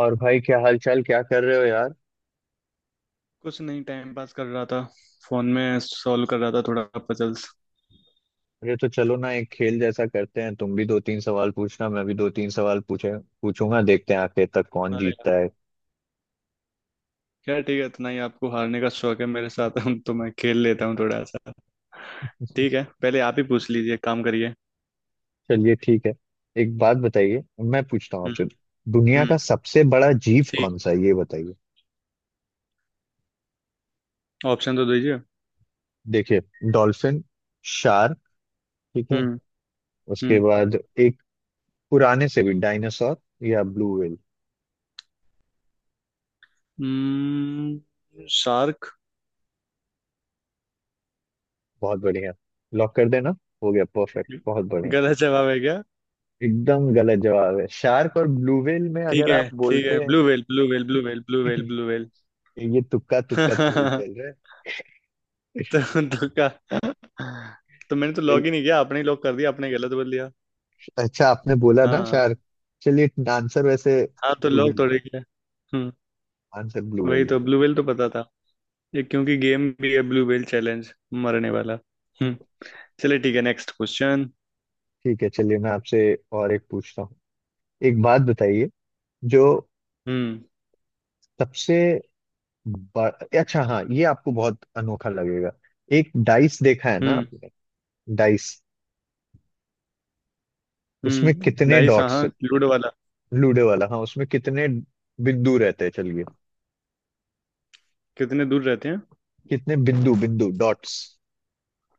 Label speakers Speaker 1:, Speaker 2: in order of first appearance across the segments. Speaker 1: और भाई क्या हाल चाल क्या कर रहे हो यार।
Speaker 2: कुछ नहीं, टाइम पास कर रहा था। फोन में सॉल्व कर रहा था, थोड़ा पजल्स।
Speaker 1: अरे तो चलो ना, एक खेल जैसा करते हैं, तुम भी दो तीन सवाल पूछना, मैं भी दो तीन सवाल पूछे पूछूंगा, देखते हैं आखिर तक कौन
Speaker 2: अरे
Speaker 1: जीतता
Speaker 2: यार,
Speaker 1: है।
Speaker 2: क्या ठीक है, इतना ही आपको हारने का शौक है मेरे साथ। हम तो, मैं खेल लेता हूँ थोड़ा सा। ठीक है, पहले आप ही पूछ लीजिए, एक काम करिए।
Speaker 1: चलिए ठीक है। एक बात बताइए, मैं पूछता हूँ
Speaker 2: हम्म।
Speaker 1: आपसे। दुनिया
Speaker 2: हम्म।
Speaker 1: का सबसे बड़ा जीव
Speaker 2: ठीक।
Speaker 1: कौन सा है ये बताइए।
Speaker 2: ऑप्शन तो दीजिए।
Speaker 1: देखिए, डॉल्फिन, शार्क, ठीक है,
Speaker 2: हम्म।
Speaker 1: उसके बाद एक पुराने से भी डायनासोर या ब्लू व्हेल।
Speaker 2: हम्म। शार्क।
Speaker 1: बहुत बढ़िया। लॉक कर देना। हो गया परफेक्ट, बहुत बढ़िया।
Speaker 2: गलत जवाब है क्या?
Speaker 1: एकदम गलत जवाब है, शार्क और ब्लू व्हेल में
Speaker 2: ठीक
Speaker 1: अगर
Speaker 2: है
Speaker 1: आप
Speaker 2: ठीक है,
Speaker 1: बोलते हैं।
Speaker 2: Blue whale blue whale blue whale blue whale blue whale.
Speaker 1: ये तुक्का तुक्का थोड़ी चल रहा है।
Speaker 2: तो, तो का तो मैंने तो लॉग
Speaker 1: चल-
Speaker 2: ही नहीं किया, आपने ही लॉक कर दिया, आपने गलत बोल दिया।
Speaker 1: अच्छा, आपने बोला ना
Speaker 2: हाँ
Speaker 1: शार्क। चलिए, आंसर वैसे
Speaker 2: हाँ तो
Speaker 1: ब्लू
Speaker 2: लोग
Speaker 1: व्हेल है।
Speaker 2: थोड़े क्या। हम्म।
Speaker 1: आंसर ब्लू
Speaker 2: वही
Speaker 1: व्हेल है।
Speaker 2: तो, ब्लू व्हेल तो पता था। ये क्योंकि गेम भी है ब्लू व्हेल चैलेंज, मरने वाला। हम्म। चलिए ठीक है, नेक्स्ट क्वेश्चन।
Speaker 1: ठीक है, चलिए, मैं आपसे और एक पूछता हूँ। एक बात बताइए। जो
Speaker 2: हम्म।
Speaker 1: सबसे बड़ा, अच्छा हाँ, ये आपको बहुत अनोखा लगेगा। एक डाइस देखा है ना
Speaker 2: हम्म।
Speaker 1: आपने? डाइस, उसमें कितने
Speaker 2: डाइस, हाँ
Speaker 1: डॉट्स?
Speaker 2: हाँ, लूडो वाला।
Speaker 1: लूडो वाला, हाँ, उसमें कितने बिंदु रहते हैं? चलिए,
Speaker 2: कितने दूर रहते हैं?
Speaker 1: कितने बिंदु बिंदु डॉट्स?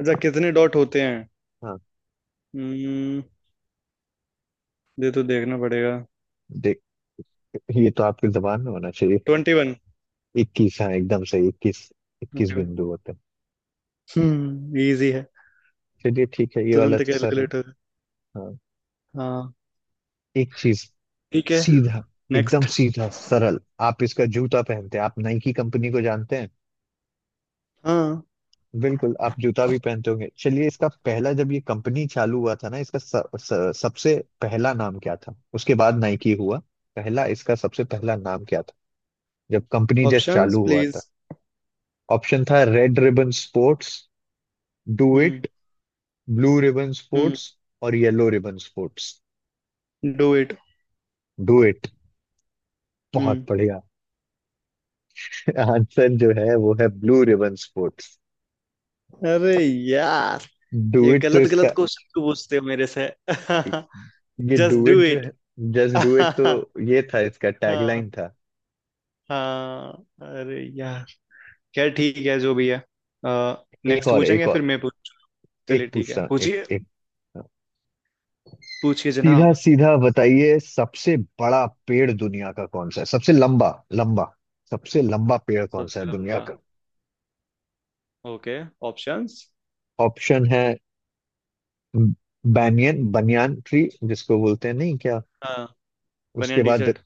Speaker 2: अच्छा, कितने डॉट होते हैं?
Speaker 1: हाँ।
Speaker 2: हम्म, ये तो देखना पड़ेगा।
Speaker 1: देख, ये तो आपकी जबान में होना चाहिए।
Speaker 2: 21।
Speaker 1: 21, हाँ एकदम सही। 21, 21 बिंदु होते हैं।
Speaker 2: हम्म, इजी है।
Speaker 1: चलिए, ठीक है, ये वाला
Speaker 2: तुरंत
Speaker 1: तो सरल।
Speaker 2: कैलकुलेट हो
Speaker 1: हाँ।
Speaker 2: गया। हाँ,
Speaker 1: एक चीज
Speaker 2: ठीक है,
Speaker 1: सीधा, एकदम
Speaker 2: नेक्स्ट।
Speaker 1: सीधा सरल। आप इसका जूता पहनते हैं, आप नाइकी कंपनी को जानते हैं।
Speaker 2: हाँ।
Speaker 1: बिल्कुल, आप जूता भी पहनते होंगे। चलिए, इसका पहला, जब ये कंपनी चालू हुआ था ना, इसका स, स, सबसे पहला नाम क्या था, उसके बाद नाइकी हुआ। पहला, इसका सबसे पहला नाम क्या था जब कंपनी जस्ट
Speaker 2: ऑप्शंस
Speaker 1: चालू हुआ था?
Speaker 2: प्लीज।
Speaker 1: ऑप्शन था red ribbon sports, do
Speaker 2: hmm.
Speaker 1: It, blue ribbon
Speaker 2: hmm.
Speaker 1: Sports, और yellow ribbon sports.
Speaker 2: Do it.
Speaker 1: Do it, बहुत
Speaker 2: हम्म।
Speaker 1: बढ़िया। आंसर जो है वो है ब्लू रिबन स्पोर्ट्स।
Speaker 2: अरे यार,
Speaker 1: डू
Speaker 2: ये
Speaker 1: इट तो
Speaker 2: गलत
Speaker 1: इसका,
Speaker 2: गलत क्वेश्चन क्यों पूछते हो मेरे से?
Speaker 1: ये डू
Speaker 2: जस्ट डू
Speaker 1: इट जो
Speaker 2: इट।
Speaker 1: है, जस्ट डू इट, तो
Speaker 2: हाँ।
Speaker 1: ये था, इसका टैगलाइन था।
Speaker 2: हाँ। अरे यार, खैर ठीक है, जो भी है।
Speaker 1: एक
Speaker 2: नेक्स्ट
Speaker 1: और, एक
Speaker 2: पूछेंगे फिर
Speaker 1: और।
Speaker 2: मैं पूछूं। चलिए
Speaker 1: एक
Speaker 2: ठीक
Speaker 1: पूछता
Speaker 2: है,
Speaker 1: हूँ, एक
Speaker 2: पूछिए।
Speaker 1: एक
Speaker 2: पूछिए
Speaker 1: सीधा
Speaker 2: जनाब।
Speaker 1: सीधा बताइए। सबसे बड़ा पेड़ दुनिया का कौन सा है, सबसे लंबा, लंबा। सबसे लंबा पेड़ कौन सा है
Speaker 2: सबसे
Speaker 1: दुनिया
Speaker 2: लंबा।
Speaker 1: का?
Speaker 2: ओके। ऑप्शंस।
Speaker 1: ऑप्शन है बैनियन, बनियान ट्री जिसको बोलते हैं नहीं क्या?
Speaker 2: हाँ।
Speaker 1: उसके
Speaker 2: बनियान टी
Speaker 1: बाद,
Speaker 2: शर्ट।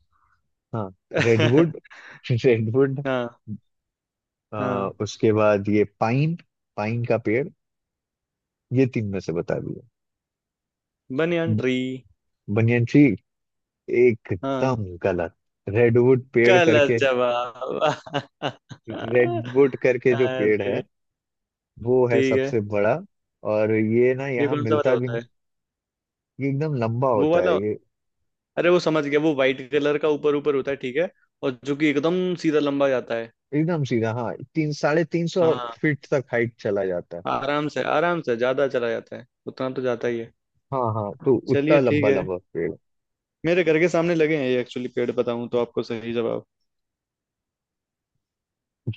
Speaker 1: हाँ, रेडवुड, रेडवुड।
Speaker 2: हाँ। हाँ।
Speaker 1: उसके बाद ये पाइन, पाइन का पेड़। ये तीन में से बता दिया।
Speaker 2: Banyan tree.
Speaker 1: Banyan tree?
Speaker 2: हाँ।
Speaker 1: एकदम गलत। रेडवुड पेड़
Speaker 2: गलत
Speaker 1: करके,
Speaker 2: जवाब।
Speaker 1: रेडवुड करके जो पेड़ है,
Speaker 2: अरे,
Speaker 1: वो है
Speaker 2: ठीक है।
Speaker 1: सबसे बड़ा। और ये ना
Speaker 2: ये
Speaker 1: यहाँ
Speaker 2: कौन सा वाला
Speaker 1: मिलता भी
Speaker 2: होता
Speaker 1: नहीं।
Speaker 2: है?
Speaker 1: ये एकदम लंबा
Speaker 2: वो
Speaker 1: होता है
Speaker 2: वाला।
Speaker 1: ये।
Speaker 2: अरे, वो समझ गया, वो वाइट कलर का, ऊपर ऊपर होता है, ठीक है। और जो कि एकदम सीधा लंबा जाता है।
Speaker 1: एकदम सीधा, हाँ, तीन, 350
Speaker 2: हाँ,
Speaker 1: फीट तक हाइट चला जाता है।
Speaker 2: आराम से, आराम से ज्यादा चला जाता है, उतना तो जाता ही है।
Speaker 1: हाँ हाँ, तो उतना
Speaker 2: चलिए ठीक
Speaker 1: लंबा
Speaker 2: है।
Speaker 1: लंबा पेड़।
Speaker 2: मेरे घर के सामने लगे हैं ये एक्चुअली पेड़, बताऊं तो आपको सही जवाब।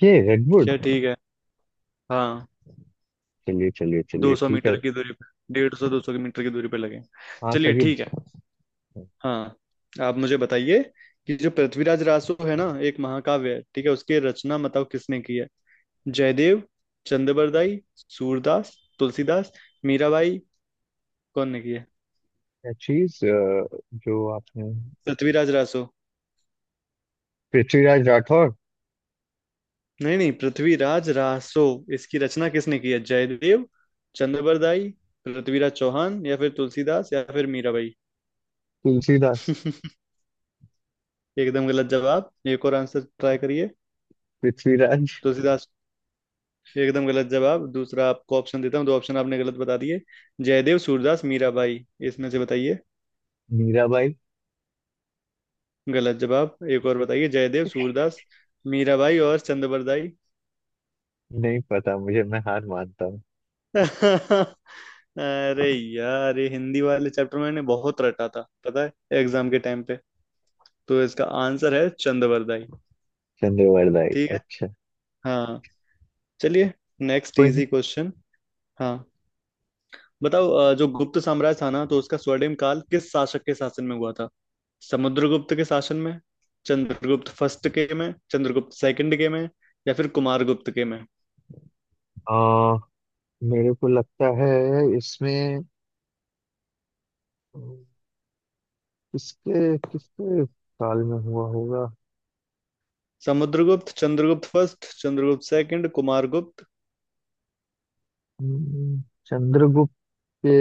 Speaker 1: ये रेडवुड।
Speaker 2: क्या, ठीक है। हाँ,
Speaker 1: चलिए चलिए चलिए,
Speaker 2: दो सौ
Speaker 1: ठीक है।
Speaker 2: मीटर की दूरी पे, 150 200 मीटर की दूरी पे लगे हैं।
Speaker 1: हाँ,
Speaker 2: चलिए
Speaker 1: तभी।
Speaker 2: ठीक है। हाँ। आप मुझे बताइए, कि जो पृथ्वीराज रासो है ना, एक महाकाव्य है, ठीक है, उसकी रचना बताओ किसने की है। जयदेव, चंद्रबरदाई, सूरदास, तुलसीदास, मीराबाई। कौन ने की है
Speaker 1: चीज जो आपने,
Speaker 2: पृथ्वीराज रासो?
Speaker 1: पृथ्वीराज राठौर।
Speaker 2: नहीं नहीं, पृथ्वीराज रासो, इसकी रचना किसने की है? जयदेव, चंद्रबरदाई, पृथ्वीराज चौहान, या फिर तुलसीदास, या फिर मीराबाई।
Speaker 1: तुलसीदास।
Speaker 2: एकदम गलत जवाब, एक और आंसर ट्राई करिए।
Speaker 1: पृथ्वीराज।
Speaker 2: तुलसीदास? एकदम गलत जवाब। दूसरा आपको ऑप्शन देता हूँ, दो ऑप्शन आपने गलत बता दिए। जयदेव, सूरदास, मीराबाई, इसमें से बताइए।
Speaker 1: मीराबाई।
Speaker 2: गलत जवाब, एक और बताइए। जयदेव, सूरदास, मीराबाई और चंद्रबरदाई।
Speaker 1: नहीं पता मुझे, मैं हार मानता हूँ।
Speaker 2: अरे यार, ये हिंदी वाले चैप्टर मैंने बहुत रटा था पता है, एग्जाम के टाइम पे। तो इसका आंसर है चंद्रवरदाई।
Speaker 1: चंद्रवरदाई,
Speaker 2: ठीक है।
Speaker 1: अच्छा।
Speaker 2: हाँ, चलिए, नेक्स्ट
Speaker 1: कोई नहीं।
Speaker 2: Easy question. हाँ, बताओ, जो गुप्त साम्राज्य था ना, तो उसका स्वर्णिम काल किस शासक के शासन में हुआ था? समुद्रगुप्त के शासन में, चंद्रगुप्त फर्स्ट के में, चंद्रगुप्त सेकंड के में, या फिर कुमारगुप्त के में।
Speaker 1: आ, मेरे को लगता है इसमें अम, किसके किसके साल में हुआ होगा?
Speaker 2: Samudragupta, Chandragupta first, Chandragupta second, Kumaragupta.
Speaker 1: हम्म, चंद्रगुप्त के,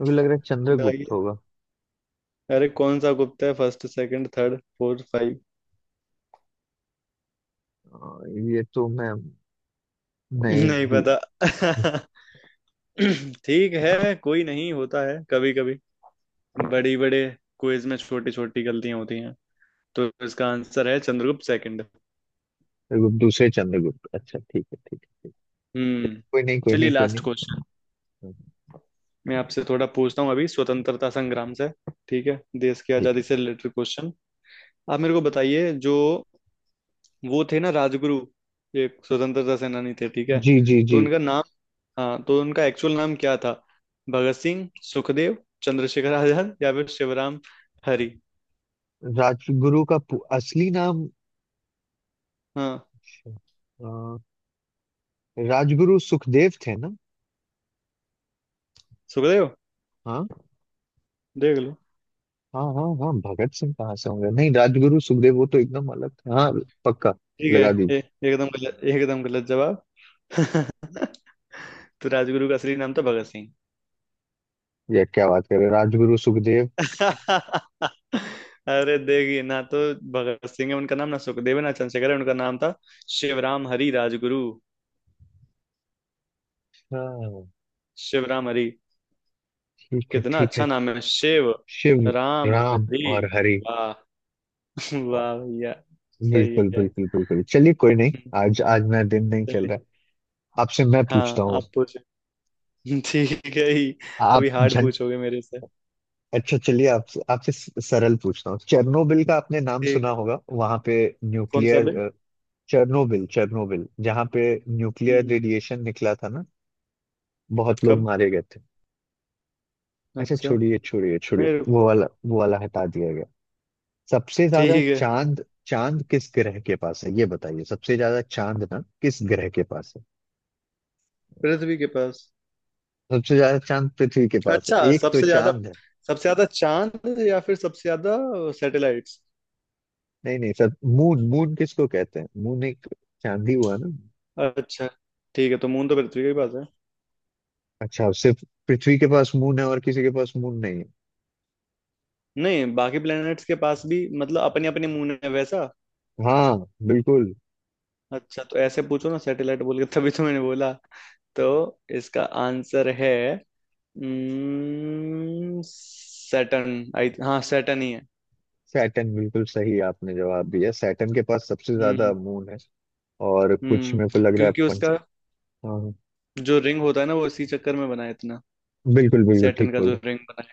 Speaker 1: मुझे लग रहा है चंद्रगुप्त होगा।
Speaker 2: अरे कौन सा गुप्ता है, first, second, third, fourth, five?
Speaker 1: अ, ये तो मैं नहीं
Speaker 2: नहीं
Speaker 1: दू-
Speaker 2: पता। ठीक है, कोई नहीं, होता है कभी कभी, बड़ी बड़े क्विज में छोटी छोटी गलतियां होती हैं। तो इसका आंसर है चंद्रगुप्त सेकंड।
Speaker 1: दूसरे चंद्रगुप्त, अच्छा, ठीक है ठीक है।
Speaker 2: हम्म,
Speaker 1: कोई नहीं, कोई
Speaker 2: चलिए,
Speaker 1: नहीं, कोई
Speaker 2: लास्ट
Speaker 1: नहीं।
Speaker 2: क्वेश्चन।
Speaker 1: हाँ,
Speaker 2: मैं आपसे थोड़ा पूछता हूँ अभी स्वतंत्रता संग्राम से, ठीक है, देश की
Speaker 1: ठीक
Speaker 2: आजादी
Speaker 1: है।
Speaker 2: से रिलेटेड क्वेश्चन। आप मेरे को बताइए जो, वो थे ना राजगुरु, एक स्वतंत्रता सेनानी थे, ठीक है,
Speaker 1: जी जी
Speaker 2: तो
Speaker 1: जी।
Speaker 2: उनका नाम, हाँ, तो उनका एक्चुअल नाम क्या था? भगत सिंह, सुखदेव, चंद्रशेखर आजाद, या फिर शिवराम हरी।
Speaker 1: राजगुरु का असली नाम,
Speaker 2: हाँ,
Speaker 1: अच्छा। राजगुरु सुखदेव थे ना?
Speaker 2: सुखदेव?
Speaker 1: हाँ
Speaker 2: देख लो।
Speaker 1: हाँ हाँ, हाँ भगत सिंह कहाँ से होंगे, नहीं राजगुरु सुखदेव, वो तो एकदम अलग था। हाँ, पक्का,
Speaker 2: ठीक है।
Speaker 1: लगा दी।
Speaker 2: ए, एकदम गलत, एकदम गलत जवाब। तो राजगुरु का असली नाम था भगत सिंह।
Speaker 1: ये क्या बात कर रहे हो? राजगुरु सुखदेव।
Speaker 2: अरे देखिए ना, तो भगत सिंह है उनका नाम, ना सुखदेव है, ना चंद्रशेखर है, उनका नाम था शिवराम हरी राजगुरु।
Speaker 1: हाँ,
Speaker 2: शिवराम हरी।
Speaker 1: ठीक है
Speaker 2: कितना
Speaker 1: ठीक है।
Speaker 2: अच्छा नाम है, शिव
Speaker 1: शिव,
Speaker 2: राम
Speaker 1: राम
Speaker 2: हरी।
Speaker 1: और हरि,
Speaker 2: वाह।
Speaker 1: वाह,
Speaker 2: वाह भैया, सही
Speaker 1: बिल्कुल
Speaker 2: है।
Speaker 1: बिल्कुल बिल्कुल। चलिए, कोई नहीं। आज, आज मेरा दिन नहीं चल
Speaker 2: चलिए।
Speaker 1: रहा है। आपसे मैं पूछता
Speaker 2: हाँ
Speaker 1: हूँ।
Speaker 2: आप पूछो। ठीक है ही। अभी
Speaker 1: आप
Speaker 2: हार्ड
Speaker 1: झं,
Speaker 2: पूछोगे मेरे से?
Speaker 1: अच्छा चलिए, आप आपसे सरल पूछता हूँ। चेरनोबिल का आपने नाम
Speaker 2: ठीक
Speaker 1: सुना
Speaker 2: है।
Speaker 1: होगा? वहां पे
Speaker 2: कौन सा बिल?
Speaker 1: न्यूक्लियर, चेरनोबिल, चेरनोबिल जहाँ पे न्यूक्लियर
Speaker 2: हम्म।
Speaker 1: रेडिएशन निकला था ना, बहुत लोग
Speaker 2: कब?
Speaker 1: मारे गए थे। अच्छा
Speaker 2: अच्छा।
Speaker 1: छोड़िए छोड़िए छोड़िए,
Speaker 2: मेरे को-
Speaker 1: वो वाला, वो वाला हटा दिया गया। सबसे
Speaker 2: ठीक
Speaker 1: ज्यादा
Speaker 2: है,
Speaker 1: चांद, चांद किस ग्रह के पास है ये बताइए, सबसे ज्यादा चांद ना किस ग्रह के पास है?
Speaker 2: पृथ्वी के पास।
Speaker 1: सबसे ज्यादा चांद पृथ्वी के पास है,
Speaker 2: अच्छा,
Speaker 1: एक तो
Speaker 2: सबसे ज्यादा?
Speaker 1: चांद है।
Speaker 2: सबसे ज्यादा चांद, या फिर सबसे ज्यादा सैटेलाइट्स?
Speaker 1: नहीं नहीं, सब मून, मून किसको कहते हैं, मून, एक चांद ही हुआ ना।
Speaker 2: अच्छा। ठीक है, तो मून तो पृथ्वी के ही पास है।
Speaker 1: अच्छा, सिर्फ पृथ्वी के पास मून है और किसी के पास मून नहीं है?
Speaker 2: नहीं, बाकी प्लैनेट्स के पास भी, मतलब, अपने अपने मून है वैसा।
Speaker 1: हाँ, बिल्कुल।
Speaker 2: अच्छा, तो ऐसे पूछो ना, सैटेलाइट बोल के, तभी तो मैंने बोला। तो इसका आंसर है, हम्म, सैटर्न, आई हाँ, सैटर्न ही है।
Speaker 1: सैटर्न, बिल्कुल सही आपने जवाब दिया, सैटर्न के पास सबसे ज्यादा
Speaker 2: हम्म।
Speaker 1: मून है। और कुछ मेरे को
Speaker 2: हम्म,
Speaker 1: लग रहा है
Speaker 2: क्योंकि
Speaker 1: पंच।
Speaker 2: उसका
Speaker 1: हाँ हाँ।
Speaker 2: जो रिंग होता है ना, वो इसी चक्कर में बना है इतना,
Speaker 1: बिल्कुल बिल्कुल, ठीक
Speaker 2: सैटर्न का
Speaker 1: बोल
Speaker 2: जो
Speaker 1: रहे
Speaker 2: रिंग बना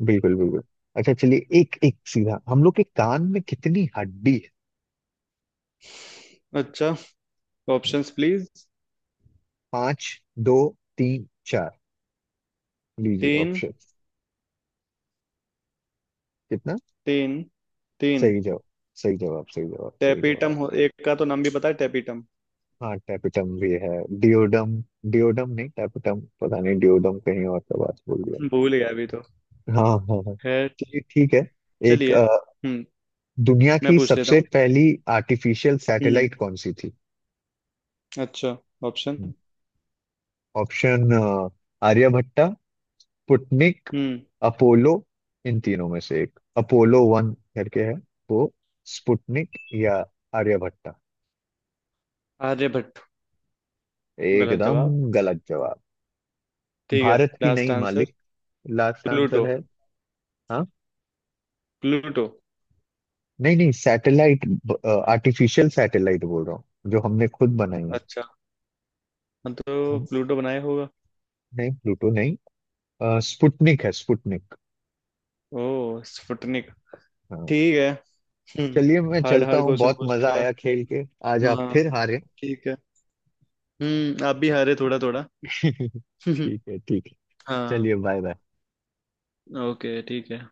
Speaker 1: हो। बिल्कुल बिल्कुल। अच्छा चलिए, एक एक सीधा, हम लोग के कान में कितनी हड्डी है?
Speaker 2: है। अच्छा। Options please.
Speaker 1: पांच, दो, तीन, चार, लीजिए
Speaker 2: तीन।
Speaker 1: ऑप्शन। कितना?
Speaker 2: तीन। तीन।
Speaker 1: सही जवाब, सही जवाब, सही जवाब, सही
Speaker 2: टेपिटम
Speaker 1: जवाब।
Speaker 2: हो, एक का तो नाम भी पता है, टेपिटम।
Speaker 1: हाँ, टैपिटम भी है। डिओडम, डिओडम नहीं टैपिटम, पता नहीं डिओडम कहीं और का बात बोल दिया।
Speaker 2: भूल गया अभी तो।
Speaker 1: हाँ हाँ हाँ,
Speaker 2: है।
Speaker 1: चलिए ठीक है। एक,
Speaker 2: चलिए। हम्म।
Speaker 1: दुनिया
Speaker 2: मैं
Speaker 1: की
Speaker 2: पूछ लेता
Speaker 1: सबसे
Speaker 2: हूँ।
Speaker 1: पहली आर्टिफिशियल
Speaker 2: हम्म।
Speaker 1: सैटेलाइट कौन सी थी?
Speaker 2: अच्छा। ऑप्शन।
Speaker 1: ऑप्शन, आर्यभट्टा, पुटनिक,
Speaker 2: हम्म।
Speaker 1: अपोलो। इन तीनों में से एक अपोलो वन करके है, वो स्पुटनिक या आर्यभट्टा।
Speaker 2: आर्यभट्ट। गलत
Speaker 1: एकदम
Speaker 2: जवाब?
Speaker 1: गलत जवाब।
Speaker 2: ठीक है,
Speaker 1: भारत की
Speaker 2: लास्ट
Speaker 1: नई
Speaker 2: आंसर।
Speaker 1: मालिक, लास्ट
Speaker 2: प्लूटो।
Speaker 1: आंसर है। हाँ?
Speaker 2: प्लूटो।
Speaker 1: नहीं नहीं सैटेलाइट, आर्टिफिशियल सैटेलाइट बोल रहा हूँ, जो हमने खुद बनाई है।
Speaker 2: हाँ तो
Speaker 1: हम
Speaker 2: प्लूटो बनाया होगा।
Speaker 1: नहीं, प्लूटो नहीं, स्पुतनिक है, स्पुतनिक।
Speaker 2: ओ, स्पुतनिक।
Speaker 1: हाँ।
Speaker 2: ठीक है।
Speaker 1: चलिए,
Speaker 2: हम्म,
Speaker 1: मैं
Speaker 2: हार्ड
Speaker 1: चलता
Speaker 2: हार्ड
Speaker 1: हूँ,
Speaker 2: क्वेश्चन
Speaker 1: बहुत
Speaker 2: पूछ
Speaker 1: मजा
Speaker 2: लिया।
Speaker 1: आया खेल के। आज आप
Speaker 2: हाँ,
Speaker 1: फिर हारे।
Speaker 2: ठीक है। हम्म, आप भी हारे थोड़ा थोड़ा।
Speaker 1: ठीक है ठीक है।
Speaker 2: हाँ।
Speaker 1: चलिए, बाय बाय।
Speaker 2: ओके ठीक है।